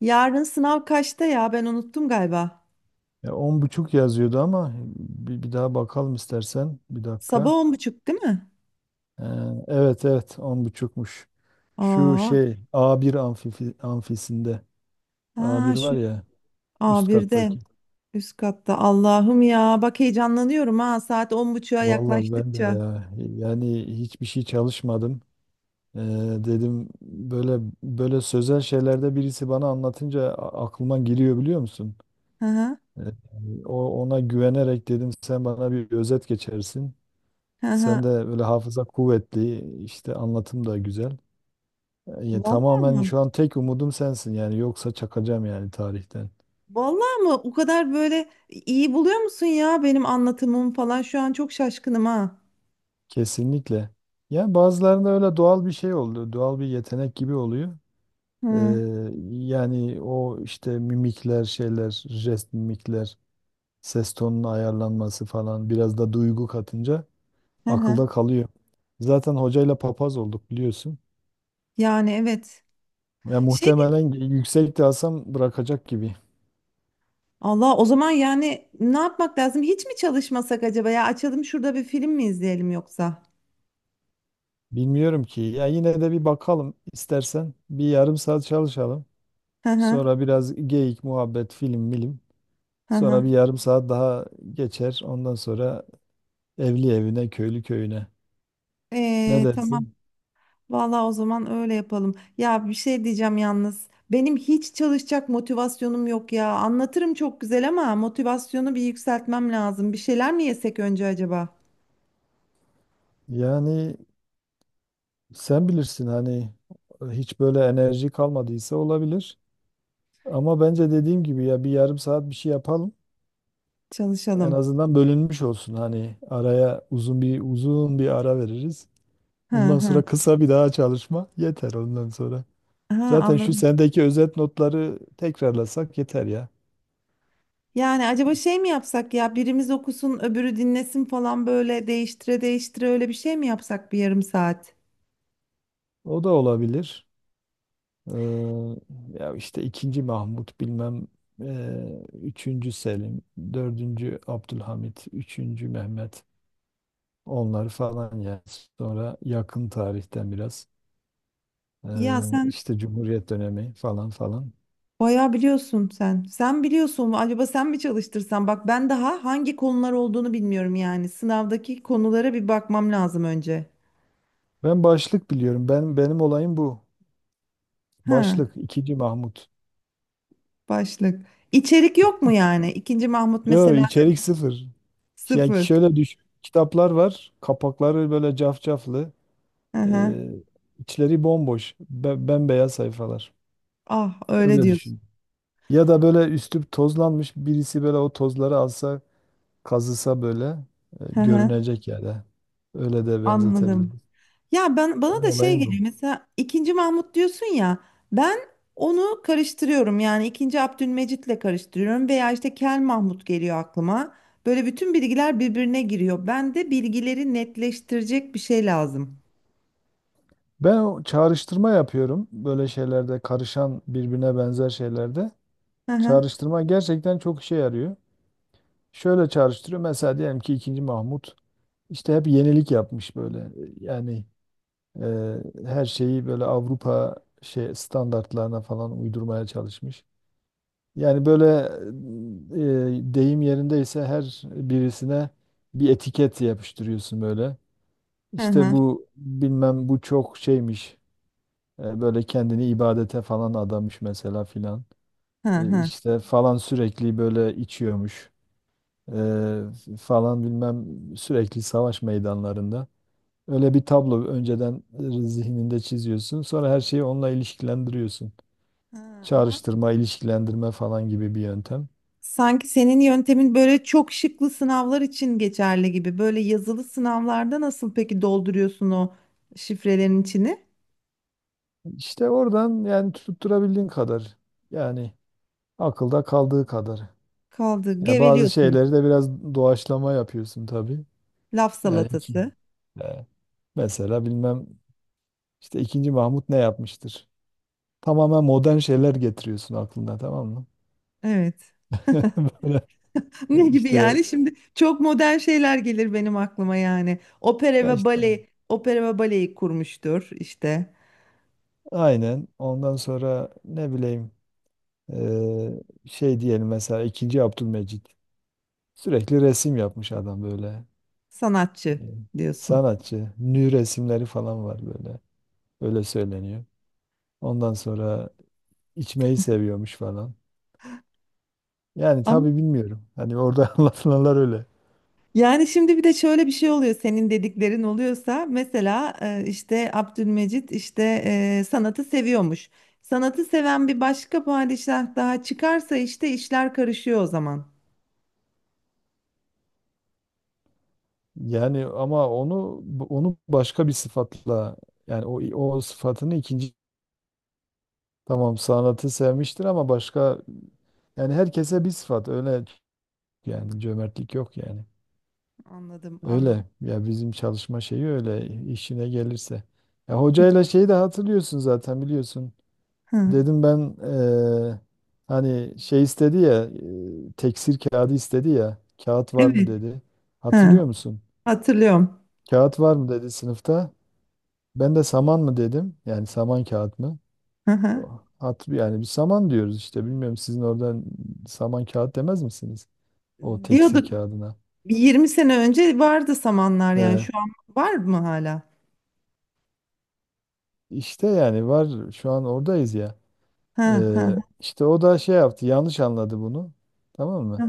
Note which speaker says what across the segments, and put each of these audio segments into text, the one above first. Speaker 1: Yarın sınav kaçta ya? Ben unuttum galiba.
Speaker 2: Ya 10.30 yazıyordu ama bir daha bakalım istersen. Bir
Speaker 1: Sabah
Speaker 2: dakika.
Speaker 1: on buçuk değil mi?
Speaker 2: Ee, evet, evet, on buçukmuş. Şu
Speaker 1: Aa,
Speaker 2: şey A1 amfisinde.
Speaker 1: ha
Speaker 2: A1 var
Speaker 1: şu
Speaker 2: ya, üst
Speaker 1: A1'de
Speaker 2: kattaki.
Speaker 1: üst katta. Allah'ım ya bak heyecanlanıyorum ha saat on buçuğa
Speaker 2: Vallahi ben de
Speaker 1: yaklaştıkça.
Speaker 2: ya yani hiçbir şey çalışmadım. Ee, Dedim böyle böyle sözel şeylerde birisi bana anlatınca aklıma giriyor, biliyor musun?
Speaker 1: Hı hı,
Speaker 2: Ee, O ona güvenerek dedim sen bana bir özet geçersin.
Speaker 1: hı
Speaker 2: Sen
Speaker 1: hı.
Speaker 2: de böyle hafıza kuvvetli, işte anlatım da güzel. Ya,
Speaker 1: Vallahi
Speaker 2: tamamen
Speaker 1: mı?
Speaker 2: şu an tek umudum sensin yani, yoksa çakacağım yani tarihten.
Speaker 1: Vallahi mı? O kadar böyle iyi buluyor musun ya benim anlatımım falan? Şu an çok şaşkınım ha.
Speaker 2: Kesinlikle. Yani bazılarında öyle doğal bir şey oldu, doğal bir yetenek gibi oluyor. Ee,
Speaker 1: Hı
Speaker 2: Yani o işte mimikler, şeyler, jest mimikler, ses tonunun ayarlanması falan, biraz da duygu katınca
Speaker 1: hı. Hı.
Speaker 2: akılda kalıyor. Zaten hocayla papaz olduk biliyorsun.
Speaker 1: Yani evet.
Speaker 2: Ya
Speaker 1: Şey,
Speaker 2: muhtemelen yüksek de alsam bırakacak gibi.
Speaker 1: Allah o zaman yani ne yapmak lazım? Hiç mi çalışmasak acaba ya? Açalım şurada bir film mi izleyelim yoksa?
Speaker 2: Bilmiyorum ki. Ya yine de bir bakalım istersen. Bir yarım saat çalışalım.
Speaker 1: Hı hı,
Speaker 2: Sonra biraz geyik, muhabbet, film, milim.
Speaker 1: hı
Speaker 2: Sonra
Speaker 1: hı.
Speaker 2: bir yarım saat daha geçer. Ondan sonra evli evine, köylü köyüne. Ne
Speaker 1: Tamam.
Speaker 2: dersin?
Speaker 1: Vallahi o zaman öyle yapalım. Ya bir şey diyeceğim yalnız. Benim hiç çalışacak motivasyonum yok ya. Anlatırım çok güzel ama motivasyonu bir yükseltmem lazım. Bir şeyler mi yesek önce acaba?
Speaker 2: Yani sen bilirsin hani, hiç böyle enerji kalmadıysa olabilir. Ama bence dediğim gibi ya, bir yarım saat bir şey yapalım. En
Speaker 1: Çalışalım.
Speaker 2: azından bölünmüş olsun, hani araya uzun bir ara veririz.
Speaker 1: Hı
Speaker 2: Ondan
Speaker 1: hı.
Speaker 2: sonra kısa bir daha çalışma yeter ondan sonra.
Speaker 1: Ha,
Speaker 2: Zaten şu
Speaker 1: anladım.
Speaker 2: sendeki özet notları tekrarlasak yeter ya.
Speaker 1: Yani acaba şey mi yapsak ya? Birimiz okusun, öbürü dinlesin falan böyle değiştire değiştire öyle bir şey mi yapsak bir yarım saat?
Speaker 2: O da olabilir. Ee, Ya işte ikinci Mahmut bilmem, üçüncü Selim, dördüncü Abdülhamit, üçüncü Mehmet, onlar falan ya. Sonra yakın tarihten biraz
Speaker 1: Ya
Speaker 2: ee,
Speaker 1: sen
Speaker 2: işte Cumhuriyet dönemi falan falan.
Speaker 1: bayağı biliyorsun sen. Sen biliyorsun. Acaba sen mi çalıştırsan? Bak ben daha hangi konular olduğunu bilmiyorum yani. Sınavdaki konulara bir bakmam lazım önce.
Speaker 2: Ben başlık biliyorum. Ben, benim olayım bu.
Speaker 1: Ha,
Speaker 2: Başlık ikinci Mahmut.
Speaker 1: başlık. İçerik yok mu yani? İkinci Mahmut
Speaker 2: Yo,
Speaker 1: mesela
Speaker 2: içerik sıfır. Yani
Speaker 1: sıfır.
Speaker 2: şöyle düş. Kitaplar var. Kapakları böyle cafcaflı.
Speaker 1: Hı hı.
Speaker 2: Ee, içleri bomboş, bembeyaz sayfalar.
Speaker 1: Ah öyle
Speaker 2: Öyle
Speaker 1: diyorsun.
Speaker 2: düşün. Ya da böyle üstü tozlanmış birisi böyle o tozları alsa, kazısa böyle,
Speaker 1: Hı hı.
Speaker 2: görünecek yerde. Öyle de
Speaker 1: Anladım.
Speaker 2: benzetebiliriz.
Speaker 1: Ya ben bana
Speaker 2: Benim
Speaker 1: da şey
Speaker 2: olayım
Speaker 1: geliyor
Speaker 2: bu.
Speaker 1: mesela ikinci Mahmut diyorsun ya, ben onu karıştırıyorum yani ikinci Abdülmecit'le karıştırıyorum veya işte Kel Mahmut geliyor aklıma. Böyle bütün bilgiler birbirine giriyor. Ben de bilgileri netleştirecek bir şey lazım.
Speaker 2: Ben o çağrıştırma yapıyorum böyle şeylerde, karışan birbirine benzer şeylerde.
Speaker 1: Hı hı,
Speaker 2: Çağrıştırma gerçekten çok işe yarıyor. Şöyle çağrıştırıyor. Mesela diyelim ki ikinci Mahmut işte hep yenilik yapmış böyle. Yani her şeyi böyle Avrupa şey standartlarına falan uydurmaya çalışmış. Yani böyle, deyim yerindeyse her birisine bir etiket yapıştırıyorsun böyle.
Speaker 1: hı
Speaker 2: İşte
Speaker 1: hı,
Speaker 2: bu bilmem, bu çok şeymiş. Böyle kendini ibadete falan adamış mesela filan.
Speaker 1: hı
Speaker 2: İşte
Speaker 1: hı.
Speaker 2: işte falan sürekli böyle içiyormuş. Eee, Falan bilmem sürekli savaş meydanlarında. Öyle bir tablo önceden zihninde çiziyorsun. Sonra her şeyi onunla ilişkilendiriyorsun.
Speaker 1: Ha, ama
Speaker 2: Çağrıştırma, ilişkilendirme falan gibi bir yöntem.
Speaker 1: sanki senin yöntemin böyle çok şıklı sınavlar için geçerli gibi. Böyle yazılı sınavlarda nasıl peki dolduruyorsun o şifrelerin içini?
Speaker 2: İşte oradan, yani tutturabildiğin kadar. Yani akılda kaldığı kadar.
Speaker 1: Kaldı,
Speaker 2: Ya bazı
Speaker 1: geveliyorsun.
Speaker 2: şeyleri de biraz doğaçlama yapıyorsun tabii.
Speaker 1: Laf
Speaker 2: Yani iki.
Speaker 1: salatası.
Speaker 2: e, Mesela bilmem işte ikinci Mahmut ne yapmıştır? Tamamen modern şeyler getiriyorsun aklına, tamam mı?
Speaker 1: Evet. Ne
Speaker 2: Böyle
Speaker 1: gibi
Speaker 2: işte,
Speaker 1: yani? Şimdi çok modern şeyler gelir benim aklıma yani. Opera
Speaker 2: ya
Speaker 1: ve
Speaker 2: işte
Speaker 1: bale, opera ve baleyi kurmuştur işte.
Speaker 2: aynen, ondan sonra ne bileyim, Ee, şey diyelim mesela ikinci Abdülmecit sürekli resim yapmış adam böyle. Ee,
Speaker 1: Sanatçı diyorsun.
Speaker 2: Sanatçı, nü resimleri falan var böyle, öyle söyleniyor. Ondan sonra içmeyi seviyormuş falan, yani
Speaker 1: Ama
Speaker 2: tabii bilmiyorum hani orada anlatılanlar öyle.
Speaker 1: yani şimdi bir de şöyle bir şey oluyor senin dediklerin oluyorsa mesela işte Abdülmecit işte, sanatı seviyormuş. Sanatı seven bir başka padişah daha çıkarsa işte işler karışıyor o zaman.
Speaker 2: Yani ama onu başka bir sıfatla, yani o sıfatını ikinci, tamam sanatı sevmiştir ama başka, yani herkese bir sıfat öyle, yani cömertlik yok yani.
Speaker 1: Anladım, anladım.
Speaker 2: Öyle ya, bizim çalışma şeyi öyle, işine gelirse. Ya hocayla şeyi de hatırlıyorsun zaten, biliyorsun.
Speaker 1: Ha,
Speaker 2: Dedim ben, hani şey istedi ya, teksir kağıdı istedi ya, kağıt var mı
Speaker 1: evet.
Speaker 2: dedi.
Speaker 1: Ha,
Speaker 2: Hatırlıyor musun?
Speaker 1: hatırlıyorum.
Speaker 2: Kağıt var mı dedi sınıfta. Ben de saman mı dedim. Yani saman kağıt mı?
Speaker 1: Hı hı.
Speaker 2: Yani bir saman diyoruz işte. Bilmiyorum sizin oradan saman kağıt demez misiniz? O teksir
Speaker 1: Diyorduk.
Speaker 2: kağıdına.
Speaker 1: Bir 20 sene önce vardı samanlar yani
Speaker 2: Eee
Speaker 1: şu an var mı hala?
Speaker 2: işte yani var, şu an oradayız.
Speaker 1: Ha ha,
Speaker 2: İşte o da şey yaptı, yanlış anladı bunu. Tamam mı?
Speaker 1: ha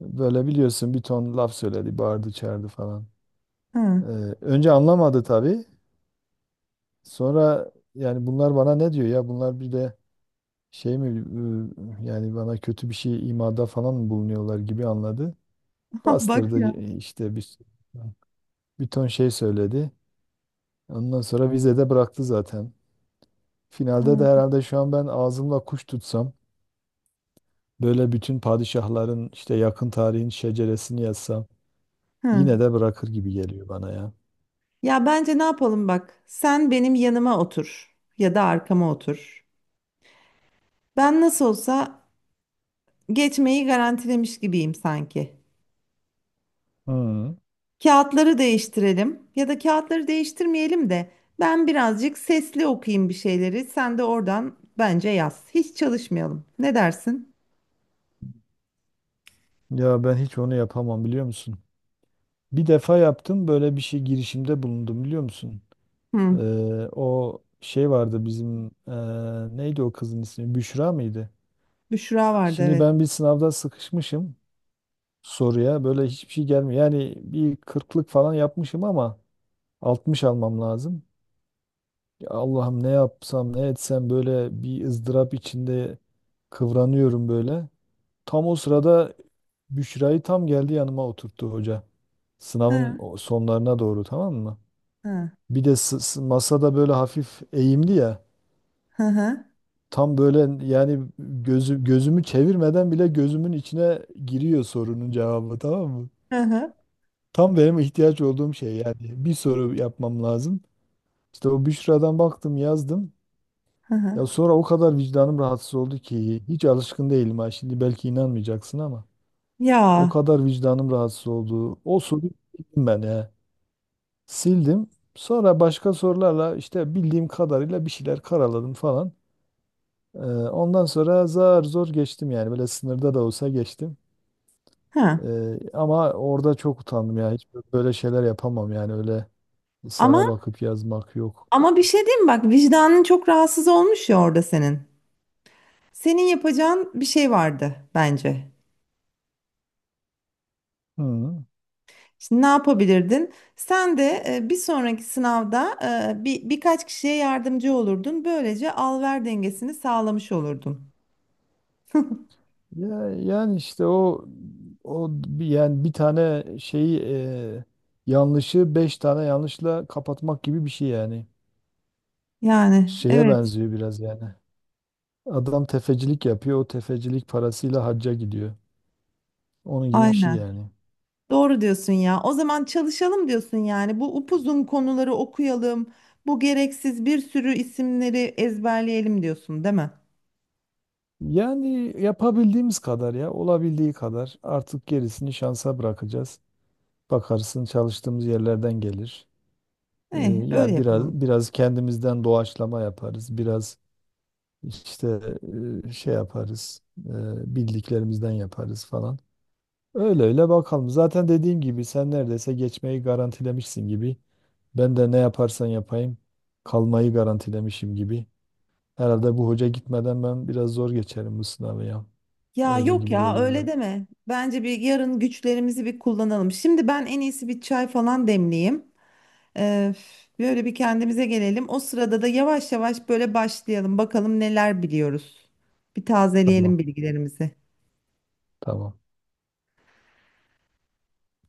Speaker 2: Böyle biliyorsun, bir ton laf söyledi, bağırdı, çağırdı falan.
Speaker 1: ha.
Speaker 2: Ee, Önce anlamadı tabii. Sonra yani bunlar bana ne diyor ya? Bunlar bir de şey mi, yani bana kötü bir şey imada falan mı bulunuyorlar gibi anladı.
Speaker 1: Ha, bak
Speaker 2: Bastırdı,
Speaker 1: ya.
Speaker 2: işte bir ton şey söyledi. Ondan sonra vizede bıraktı zaten. Finalde de
Speaker 1: Ha,
Speaker 2: herhalde şu an ben ağzımla kuş tutsam, böyle bütün padişahların işte yakın tarihin şeceresini yazsam,
Speaker 1: ha.
Speaker 2: yine de bırakır gibi geliyor bana ya.
Speaker 1: Ya bence ne yapalım bak. Sen benim yanıma otur ya da arkama otur. Ben nasıl olsa geçmeyi garantilemiş gibiyim sanki.
Speaker 2: Hı.
Speaker 1: Kağıtları değiştirelim ya da kağıtları değiştirmeyelim de ben birazcık sesli okuyayım bir şeyleri. Sen de oradan bence yaz. Hiç çalışmayalım. Ne dersin?
Speaker 2: Ya ben hiç onu yapamam, biliyor musun? Bir defa yaptım böyle bir şey, girişimde bulundum, biliyor musun?
Speaker 1: Hı.
Speaker 2: O şey vardı bizim, neydi o kızın ismi? Büşra mıydı?
Speaker 1: Büşra vardı
Speaker 2: Şimdi
Speaker 1: evet.
Speaker 2: ben bir sınavda sıkışmışım, soruya böyle hiçbir şey gelmiyor. Yani bir kırklık falan yapmışım ama 60 almam lazım. Ya Allah'ım ne yapsam ne etsem, böyle bir ızdırap içinde kıvranıyorum böyle. Tam o sırada Büşra'yı tam geldi yanıma oturttu hoca. Sınavın
Speaker 1: Ha,
Speaker 2: sonlarına doğru, tamam mı?
Speaker 1: ha,
Speaker 2: Bir de masada böyle hafif eğimli ya.
Speaker 1: hı hı.
Speaker 2: Tam böyle yani gözümü çevirmeden bile gözümün içine giriyor sorunun cevabı, tamam mı?
Speaker 1: Hı hı,
Speaker 2: Tam benim ihtiyaç olduğum şey yani. Bir soru yapmam lazım. İşte o Büşra'dan baktım, yazdım.
Speaker 1: hı hı.
Speaker 2: Ya sonra o kadar vicdanım rahatsız oldu ki, hiç alışkın değilim ha. Şimdi belki inanmayacaksın ama
Speaker 1: Ya,
Speaker 2: o kadar vicdanım rahatsız oldu. O soruyu sildim ben ya. Sildim. Sonra başka sorularla işte bildiğim kadarıyla bir şeyler karaladım falan. Ee, Ondan sonra zar zor geçtim yani. Böyle sınırda da olsa geçtim.
Speaker 1: ha.
Speaker 2: Ama orada çok utandım ya. Hiç böyle şeyler yapamam yani, öyle sana
Speaker 1: Ama,
Speaker 2: bakıp yazmak yok.
Speaker 1: ama bir şey diyeyim mi? Bak vicdanın çok rahatsız olmuş ya orada senin. Senin yapacağın bir şey vardı bence.
Speaker 2: Hı.
Speaker 1: Şimdi ne yapabilirdin? Sen de bir sonraki sınavda birkaç kişiye yardımcı olurdun. Böylece al-ver dengesini sağlamış olurdun.
Speaker 2: Ya, yani işte o yani bir tane şeyi, yanlışı beş tane yanlışla kapatmak gibi bir şey yani.
Speaker 1: Yani
Speaker 2: Şeye
Speaker 1: evet,
Speaker 2: benziyor biraz yani. Adam tefecilik yapıyor. O tefecilik parasıyla hacca gidiyor. Onun gibi bir şey
Speaker 1: aynen.
Speaker 2: yani.
Speaker 1: Doğru diyorsun ya. O zaman çalışalım diyorsun yani. Bu upuzun konuları okuyalım. Bu gereksiz bir sürü isimleri ezberleyelim diyorsun, değil mi?
Speaker 2: Yani yapabildiğimiz kadar ya, olabildiği kadar, artık gerisini şansa bırakacağız. Bakarsın çalıştığımız yerlerden gelir.
Speaker 1: Eh, öyle
Speaker 2: Ya
Speaker 1: yapalım.
Speaker 2: biraz biraz kendimizden doğaçlama yaparız. Biraz İşte şey yaparız, bildiklerimizden yaparız falan. Öyle öyle bakalım. Zaten dediğim gibi sen neredeyse geçmeyi garantilemişsin gibi. Ben de ne yaparsan yapayım kalmayı garantilemişim gibi. Herhalde bu hoca gitmeden ben biraz zor geçerim bu sınavı ya.
Speaker 1: Ya
Speaker 2: Öyle
Speaker 1: yok
Speaker 2: gibi
Speaker 1: ya
Speaker 2: geliyor
Speaker 1: öyle
Speaker 2: bana.
Speaker 1: deme. Bence bir yarın güçlerimizi bir kullanalım. Şimdi ben en iyisi bir çay falan demleyeyim. Ee, Böyle bir kendimize gelelim. O sırada da yavaş yavaş böyle başlayalım. Bakalım neler biliyoruz. Bir
Speaker 2: Tamam,
Speaker 1: tazeleyelim bilgilerimizi.
Speaker 2: tamam.